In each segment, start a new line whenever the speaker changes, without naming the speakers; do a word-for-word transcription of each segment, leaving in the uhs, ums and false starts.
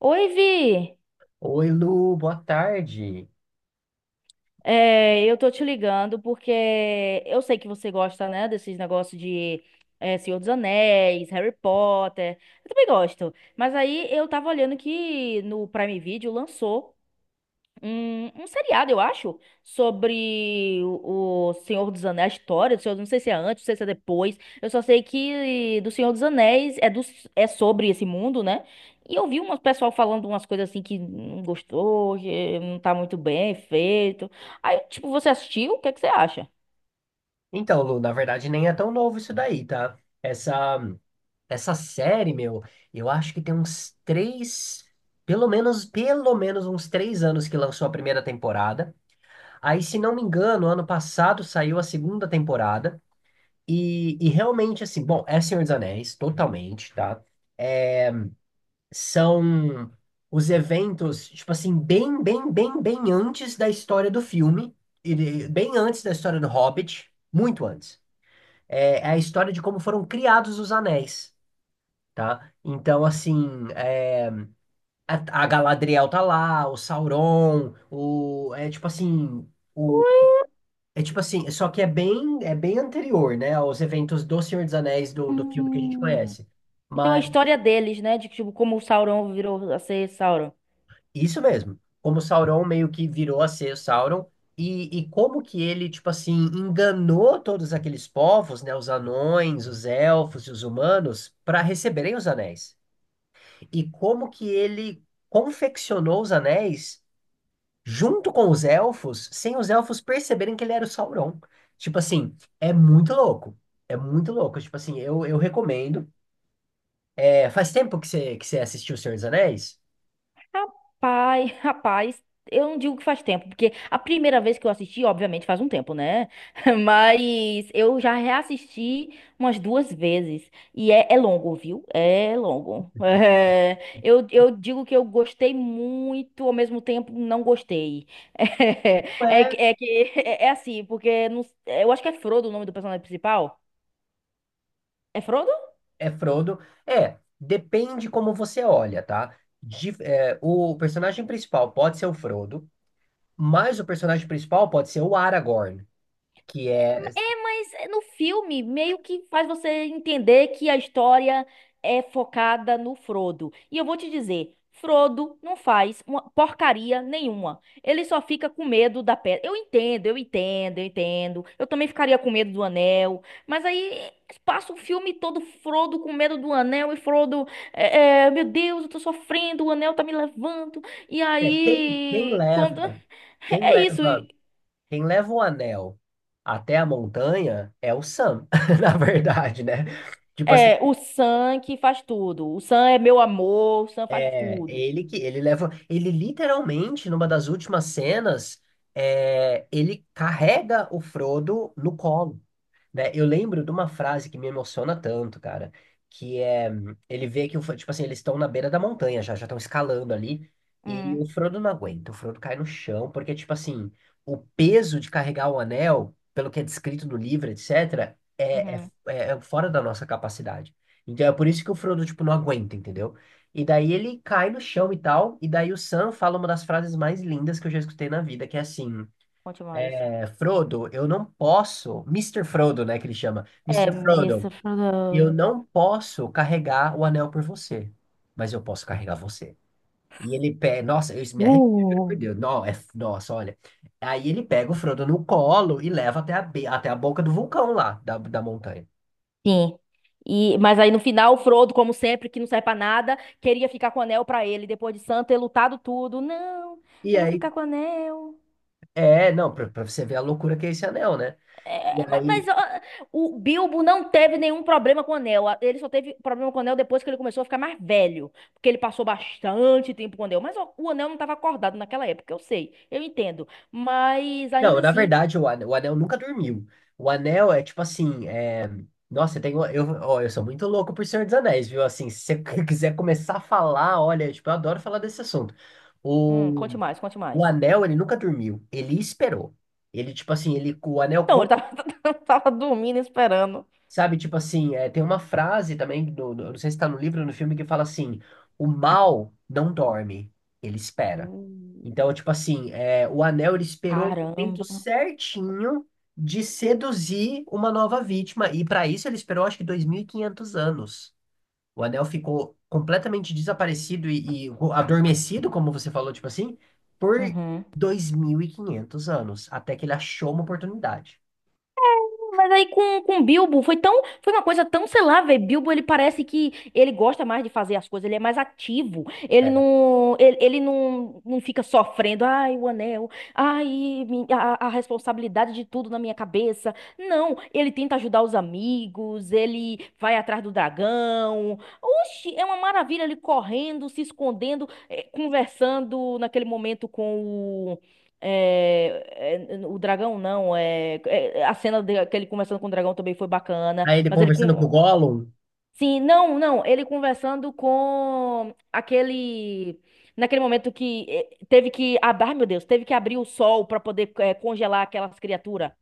Oi, Vi!
Oi, Lu, boa tarde.
É, eu tô te ligando porque eu sei que você gosta, né, desses negócios de é, Senhor dos Anéis, Harry Potter. Eu também gosto. Mas aí eu tava olhando que no Prime Video lançou um, um seriado, eu acho, sobre o, o Senhor dos Anéis, a história do Senhor, não sei se é antes, não sei se é depois. Eu só sei que do Senhor dos Anéis é, do, é sobre esse mundo, né? E eu vi um pessoal falando umas coisas assim que não gostou, que não tá muito bem feito. Aí, tipo, você assistiu? O que é que você acha?
Então, Lu, na verdade nem é tão novo isso daí, tá? Essa, essa série, meu, eu acho que tem uns três, pelo menos, pelo menos uns três anos que lançou a primeira temporada. Aí, se não me engano, ano passado saiu a segunda temporada. E, e realmente, assim, bom, é Senhor dos Anéis, totalmente, tá? São os eventos, tipo assim, bem, bem, bem, bem antes da história do filme, e de- bem antes da história do Hobbit, muito antes. é é a história de como foram criados os anéis, tá? Então, assim, é, a, a Galadriel tá lá, o Sauron, o, é tipo assim, o, é tipo assim, só que é bem, é bem anterior, né, aos eventos do Senhor dos Anéis, do, do filme que a gente
Hum.
conhece.
Então a
Mas,
história deles, né? De tipo, como o Sauron virou a ser Sauron.
isso mesmo, como o Sauron meio que virou a ser o Sauron, e, e como que ele, tipo assim, enganou todos aqueles povos, né, os anões, os elfos e os humanos, para receberem os anéis. E como que ele confeccionou os anéis junto com os elfos, sem os elfos perceberem que ele era o Sauron. Tipo assim, é muito louco. É muito louco. Tipo assim, eu, eu recomendo. É, faz tempo que você, que você assistiu O Senhor dos Anéis?
Rapaz, rapaz, eu não digo que faz tempo, porque a primeira vez que eu assisti, obviamente, faz um tempo, né? Mas eu já reassisti umas duas vezes. E é, é longo, viu? É longo. É, eu, eu digo que eu gostei muito, ao mesmo tempo não gostei. É, é,
É,
que é, que- é é assim, porque não- eu acho que é Frodo o nome do personagem principal. É Frodo?
é Frodo. É, depende como você olha, tá? De- é, o personagem principal pode ser o Frodo, mas o personagem principal pode ser o Aragorn, que é,
Mas é, no filme, meio que faz você entender que a história é focada no Frodo. E eu vou te dizer, Frodo não faz uma porcaria nenhuma. Ele só fica com medo da pedra. Eu entendo, eu entendo, eu entendo. Eu também ficaria com medo do anel. Mas aí passa o filme todo Frodo com medo do anel e Frodo, é, é, meu Deus, eu tô sofrendo, o anel tá me levando. E
é quem, quem
aí, quando.
leva, quem
É isso.
leva. Quem leva o anel até a montanha é o Sam, na verdade, né? Tipo assim,
É, o Sam que faz tudo. O Sam é meu amor, o Sam faz
é,
tudo.
ele que ele leva, ele literalmente numa das últimas cenas, é, ele carrega o Frodo no colo, né? Eu lembro de uma frase que me emociona tanto, cara, que é: ele vê que o, Fro- tipo assim, eles estão na beira da montanha já, já estão escalando ali e
Hum,
o Frodo não aguenta, o Frodo cai no chão porque tipo assim, o peso de carregar o anel, pelo que é descrito no livro, etc, é, é,
uhum.
é fora da nossa capacidade. Então é por isso que o Frodo tipo não aguenta, entendeu? E daí ele cai no chão e tal, e daí o Sam fala uma das frases mais lindas que eu já escutei na vida, que é assim:
Conte mais.
é, Frodo, eu não posso, Mister Frodo, né, que ele chama,
É,
Mister
Miss
Frodo, eu
Frodo.
não posso carregar o anel por você, mas eu posso carregar você. E ele pega, nossa, eu isso me arrepio, juro
Uh,
por Deus, não, é, nossa, olha. Aí ele pega o Frodo no colo e leva até a, be- até a boca do vulcão lá, da, da montanha.
sim. E, mas aí no final, o Frodo, como sempre, que não serve pra nada, queria ficar com o anel pra ele, depois de Sam ter lutado tudo. Não,
E
eu vou
aí,
ficar com o anel.
é, não, pra, pra você ver a loucura que é esse anel, né? E
É, ma- mas,
aí
ó, o Bilbo não teve nenhum problema com o anel. A- Ele só teve problema com o anel depois que ele começou a ficar mais velho. Porque ele passou bastante tempo com o anel. Mas ó, o anel não estava acordado naquela época, eu sei, eu entendo. Mas
não,
ainda
na
assim.
verdade, o anel, o anel nunca dormiu. O anel é tipo assim, é... Nossa, eu tenho. Eu, ó, eu sou muito louco por Senhor dos Anéis, viu? Assim, se você quiser começar a falar, olha, tipo, eu adoro falar desse assunto.
Hum,
O,
conte mais, conte
o
mais.
anel, ele nunca dormiu. Ele esperou. Ele, tipo assim, ele, o anel,
Então,
com-
ele tava, tava dormindo, esperando.
sabe? Tipo assim, é, tem uma frase também, do, do- não sei se tá no livro ou no filme, que fala assim: o mal não dorme, ele espera.
Uh,
Então, tipo assim, é, o anel ele esperou o momento
Caramba.
certinho de seduzir uma nova vítima, e para isso ele esperou acho que dois mil e quinhentos anos. O anel ficou completamente desaparecido e, e ro- adormecido, como você falou, tipo assim, por
Uhum.
dois mil e quinhentos anos, até que ele achou uma oportunidade.
Mas aí com, com Bilbo foi tão, foi uma coisa tão, sei lá, velho. Bilbo ele parece que ele gosta mais de fazer as coisas, ele é mais ativo. Ele
É,
não, ele, ele não, não fica sofrendo, ai, o anel, ai, mi- a, a responsabilidade de tudo na minha cabeça. Não, ele tenta ajudar os amigos, ele vai atrás do dragão. Oxi, é uma maravilha ele correndo, se escondendo, eh, conversando naquele momento com o é, é, o dragão não, é, é- a cena dele que ele conversando com o dragão também foi bacana,
aí ele
mas ele
conversando com o
com.
Gollum.
Sim, não, não, ele conversando com aquele naquele momento que eh, teve que, ab- ai meu Deus, teve que abrir o sol pra poder eh, congelar aquelas criaturas.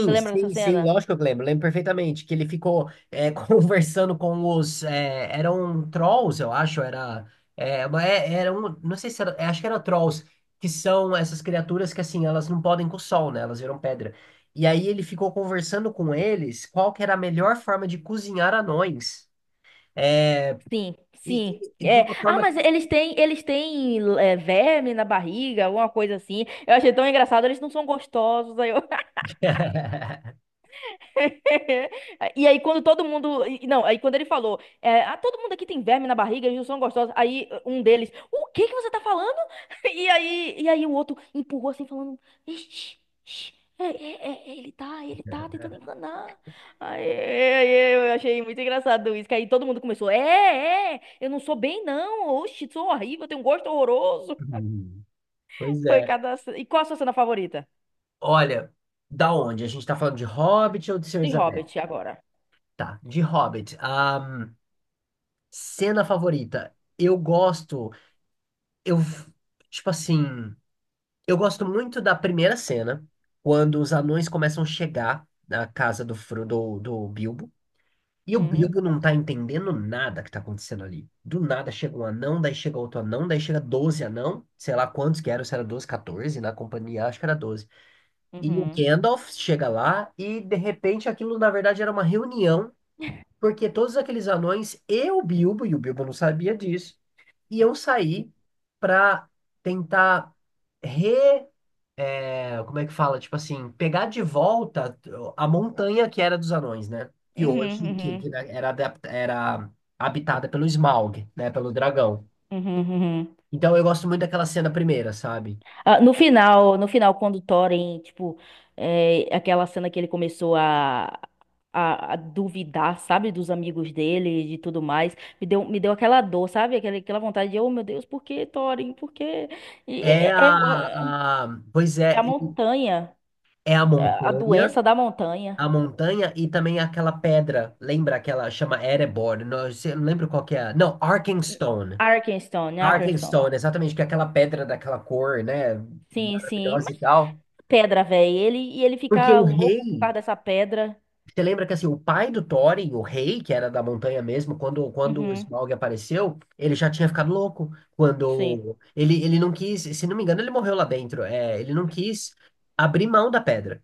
Você lembra dessa
sim, sim,
cena?
lógico que eu lembro, lembro perfeitamente que ele ficou é, conversando com os, é, eram trolls, eu acho, era, é, uma- é- era um, não sei se era, é, acho que era trolls, que são essas criaturas que assim, elas não podem com o sol, né, elas viram pedra. E aí ele ficou conversando com eles qual que era a melhor forma de cozinhar anões,
Sim,
e,
sim.
e- e de
É.
uma
Ah,
forma...
mas eles têm, eles têm eh, verme na barriga, alguma coisa assim. Eu achei tão engraçado, eles não são gostosos. Aí eu... E aí, quando todo mundo. e- Não, aí quando ele falou, é, ah, todo mundo aqui tem verme na barriga, eles não são gostosos. Aí um deles, o que que você tá falando? E aí, e aí o outro empurrou assim, falando, "Ixi, ixi, é, é, é, é, ele tá, ele tá tentando enganar. Aí, aí eu achei muito engraçado isso, que aí todo mundo começou, é, é, eu não sou bem não, oxi, sou horrível, eu tenho um gosto horroroso.
Hum. Pois
Foi
é.
cada. ce- E qual a sua cena favorita?
Olha, da onde? A gente tá falando de Hobbit ou de Senhor
De
dos Anéis?
Hobbit agora.
Tá, de Hobbit. Cena favorita. Eu gosto. Eu. Tipo assim. Eu gosto muito da primeira cena, quando os anões começam a chegar na casa do, Fro- do, do Bilbo. E o
Uhum,
Bilbo não tá entendendo nada que tá acontecendo ali. Do nada chega um anão, daí chega outro anão, daí chega doze anão, sei lá quantos que eram, se era doze, catorze, na companhia acho que era doze. E o
uhum.
Gandalf chega lá e de repente aquilo na verdade era uma reunião, porque todos aqueles anões e o Bilbo, e o Bilbo não sabia disso. E eu saí para tentar re. é, como é que fala? Tipo assim, pegar de volta a montanha que era dos anões, né? Que
Uhum,
hoje que, que
uhum.
né, era, adap- era habitada pelo Smaug, né? Pelo dragão.
Uhum, uhum. Uhum.
Então eu gosto muito daquela cena primeira, sabe?
Ah, no final, no final, quando o Thorin, tipo, é, aquela cena que ele começou a, a, a duvidar, sabe, dos amigos dele e de tudo mais, me deu, me deu aquela dor, sabe, aquela, aquela vontade de, oh meu Deus, por que, Thorin, por que?
É
É, é,
a,
é-
a- pois
é
é,
a
e-
montanha,
é a
é a
montanha,
doença da montanha.
a montanha e também aquela pedra, lembra aquela chama Erebor, não, eu sei- eu não lembro qual que é. Não, Arkenstone.
Arkenstone, Arkenstone.
Arkenstone, exatamente, que é aquela pedra daquela cor, né?
Sim, sim,
Maravilhosa e
mas
tal.
pedra, velho, ele, e ele
Porque
fica
o
louco por
rei,
causa dessa pedra.
você lembra que assim, o pai do Thorin, o rei, que era da montanha mesmo, quando, quando o
Uhum,
Smaug apareceu, ele já tinha ficado louco.
sim.
Quando ele, ele não quis, se não me engano, ele morreu lá dentro. É, ele não quis abrir mão da pedra.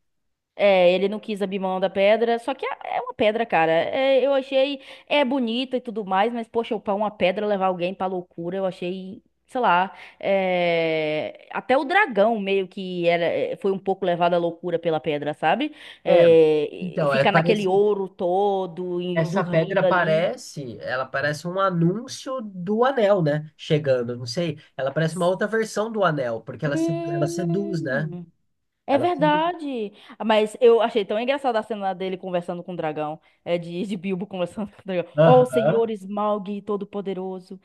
É, ele não quis abrir mão da pedra, só que é é uma pedra, cara. É, eu achei, é bonita e tudo mais, mas poxa, pra uma pedra levar alguém pra loucura, eu achei, sei lá, é, até o dragão meio que era, é, foi um pouco levado à loucura pela pedra, sabe?
É,
É, e
então, é,
ficar naquele
parece,
ouro todo e
essa
dormindo
pedra
ali.
parece, ela parece um anúncio do anel, né? Chegando, não sei. Ela parece uma outra versão do anel, porque ela, se- ela seduz, né?
Hum. É
Ela sempre.
verdade. Ah, mas eu achei tão engraçada a cena dele conversando com o dragão. É de, de Bilbo conversando com o dragão. Oh,
Aham,
senhor Smaug Todo-Poderoso.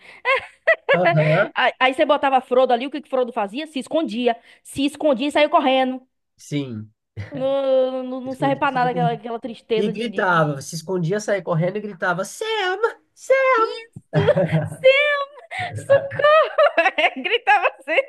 aham,
Aí, aí você botava Frodo ali, o que que Frodo fazia? Se escondia. Se escondia e saiu correndo.
sim.
Não, não,
Se
não serve
escondia,
pra
saía
nada aquela,
correndo.
aquela
E
tristeza de, de,
gritava,
de...
se escondia, saía correndo e gritava, Selma, Selma.
Isso! Sim, gritava assim.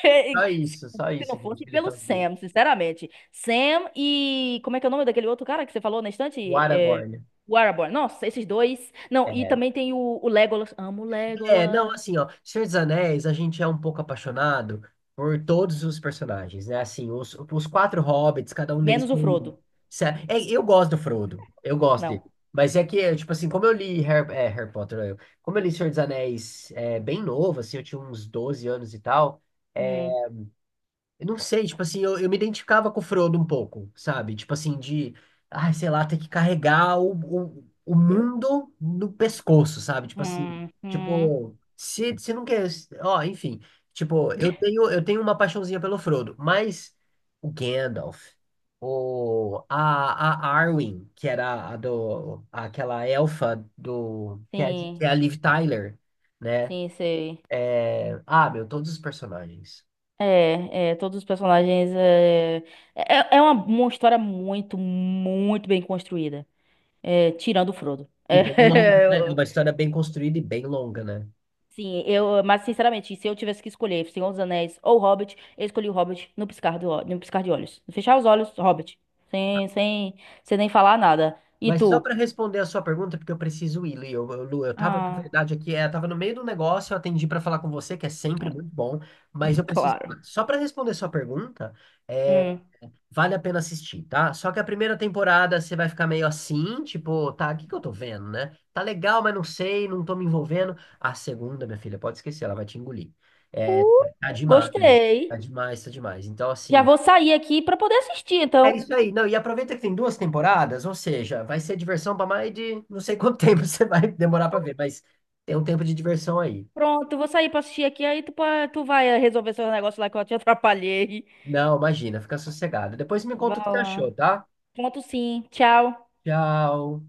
Se
Só isso, só
se não
isso, gente,
fosse
que ele
pelo
fazia.
Sam, sinceramente. Sam e. Como é que é o nome daquele outro cara que você falou na
O
estante? É...
Aragorn.
O Aragorn. Nossa, esses dois. Não, e
É.
também tem o, o Legolas. Amo o
É, não,
Legolas.
assim, ó, Senhor dos Anéis, a gente é um pouco apaixonado por todos os personagens, né? Assim, os, os quatro hobbits, cada um deles
Menos o
tem.
Frodo.
se- É, eu gosto do Frodo, eu gosto dele.
Não.
Mas é que, é, tipo assim, como eu li Harry, é, Harry Potter, eu, como eu li Senhor dos Anéis é, bem novo, assim, eu tinha uns doze anos e tal. É,
Hum,
eu não sei, tipo assim, eu, eu me identificava com o Frodo um pouco, sabe? Tipo assim, de, ai, sei lá, ter que carregar o, o, o mundo no pescoço, sabe? Tipo assim,
hum, hum.
tipo, se, se não quer, ó, enfim, tipo, eu tenho, eu tenho uma paixãozinha pelo Frodo, mas o Gandalf, o, a, a Arwen, que era a do, aquela elfa do, que é, que
Sim,
é a Liv Tyler, né?
sim, sei.
É, ah, meu, todos os personagens.
É, é, todos os personagens. É, é, é é uma, uma história muito, muito bem construída. É, tirando o Frodo.
E bem longa,
É,
né? É uma história bem construída e bem longa, né?
Sim, eu, mas sinceramente, se eu tivesse que escolher Senhor dos Anéis ou Hobbit, eu escolhi o Hobbit no piscar do, ó- no piscar de olhos. Fechar os olhos, Hobbit. Sem, sem, sem nem falar nada. E
Mas só
tu?
para responder a sua pergunta, porque eu preciso ir, Lu, eu, eu, Lu, eu tava, na
Ah,
verdade, aqui, é, eu tava no meio do negócio, eu atendi para falar com você, que é sempre muito bom, mas eu preciso,
claro.
só para responder a sua pergunta, é,
Hum.
vale a pena assistir, tá? Só que a primeira temporada você vai ficar meio assim, tipo, tá, o que que eu tô vendo, né? Tá legal, mas não sei, não tô me envolvendo. A segunda, minha filha, pode esquecer, ela vai te engolir. É,
Uh,
tá demais, tá
gostei.
demais, tá demais. Então,
Já
assim,
vou sair aqui pra poder assistir,
é
então.
isso aí. Não, e aproveita que tem duas temporadas, ou seja, vai ser diversão para mais de não sei quanto tempo você vai demorar para ver, mas tem um tempo de diversão aí.
Pronto, eu vou sair pra assistir aqui, aí tu, pa- tu vai eh, resolver seu negócio lá que eu te atrapalhei.
Não, imagina, fica sossegado. Depois me
Vai
conta o que você achou,
lá.
tá?
Pronto, sim. Tchau.
Tchau.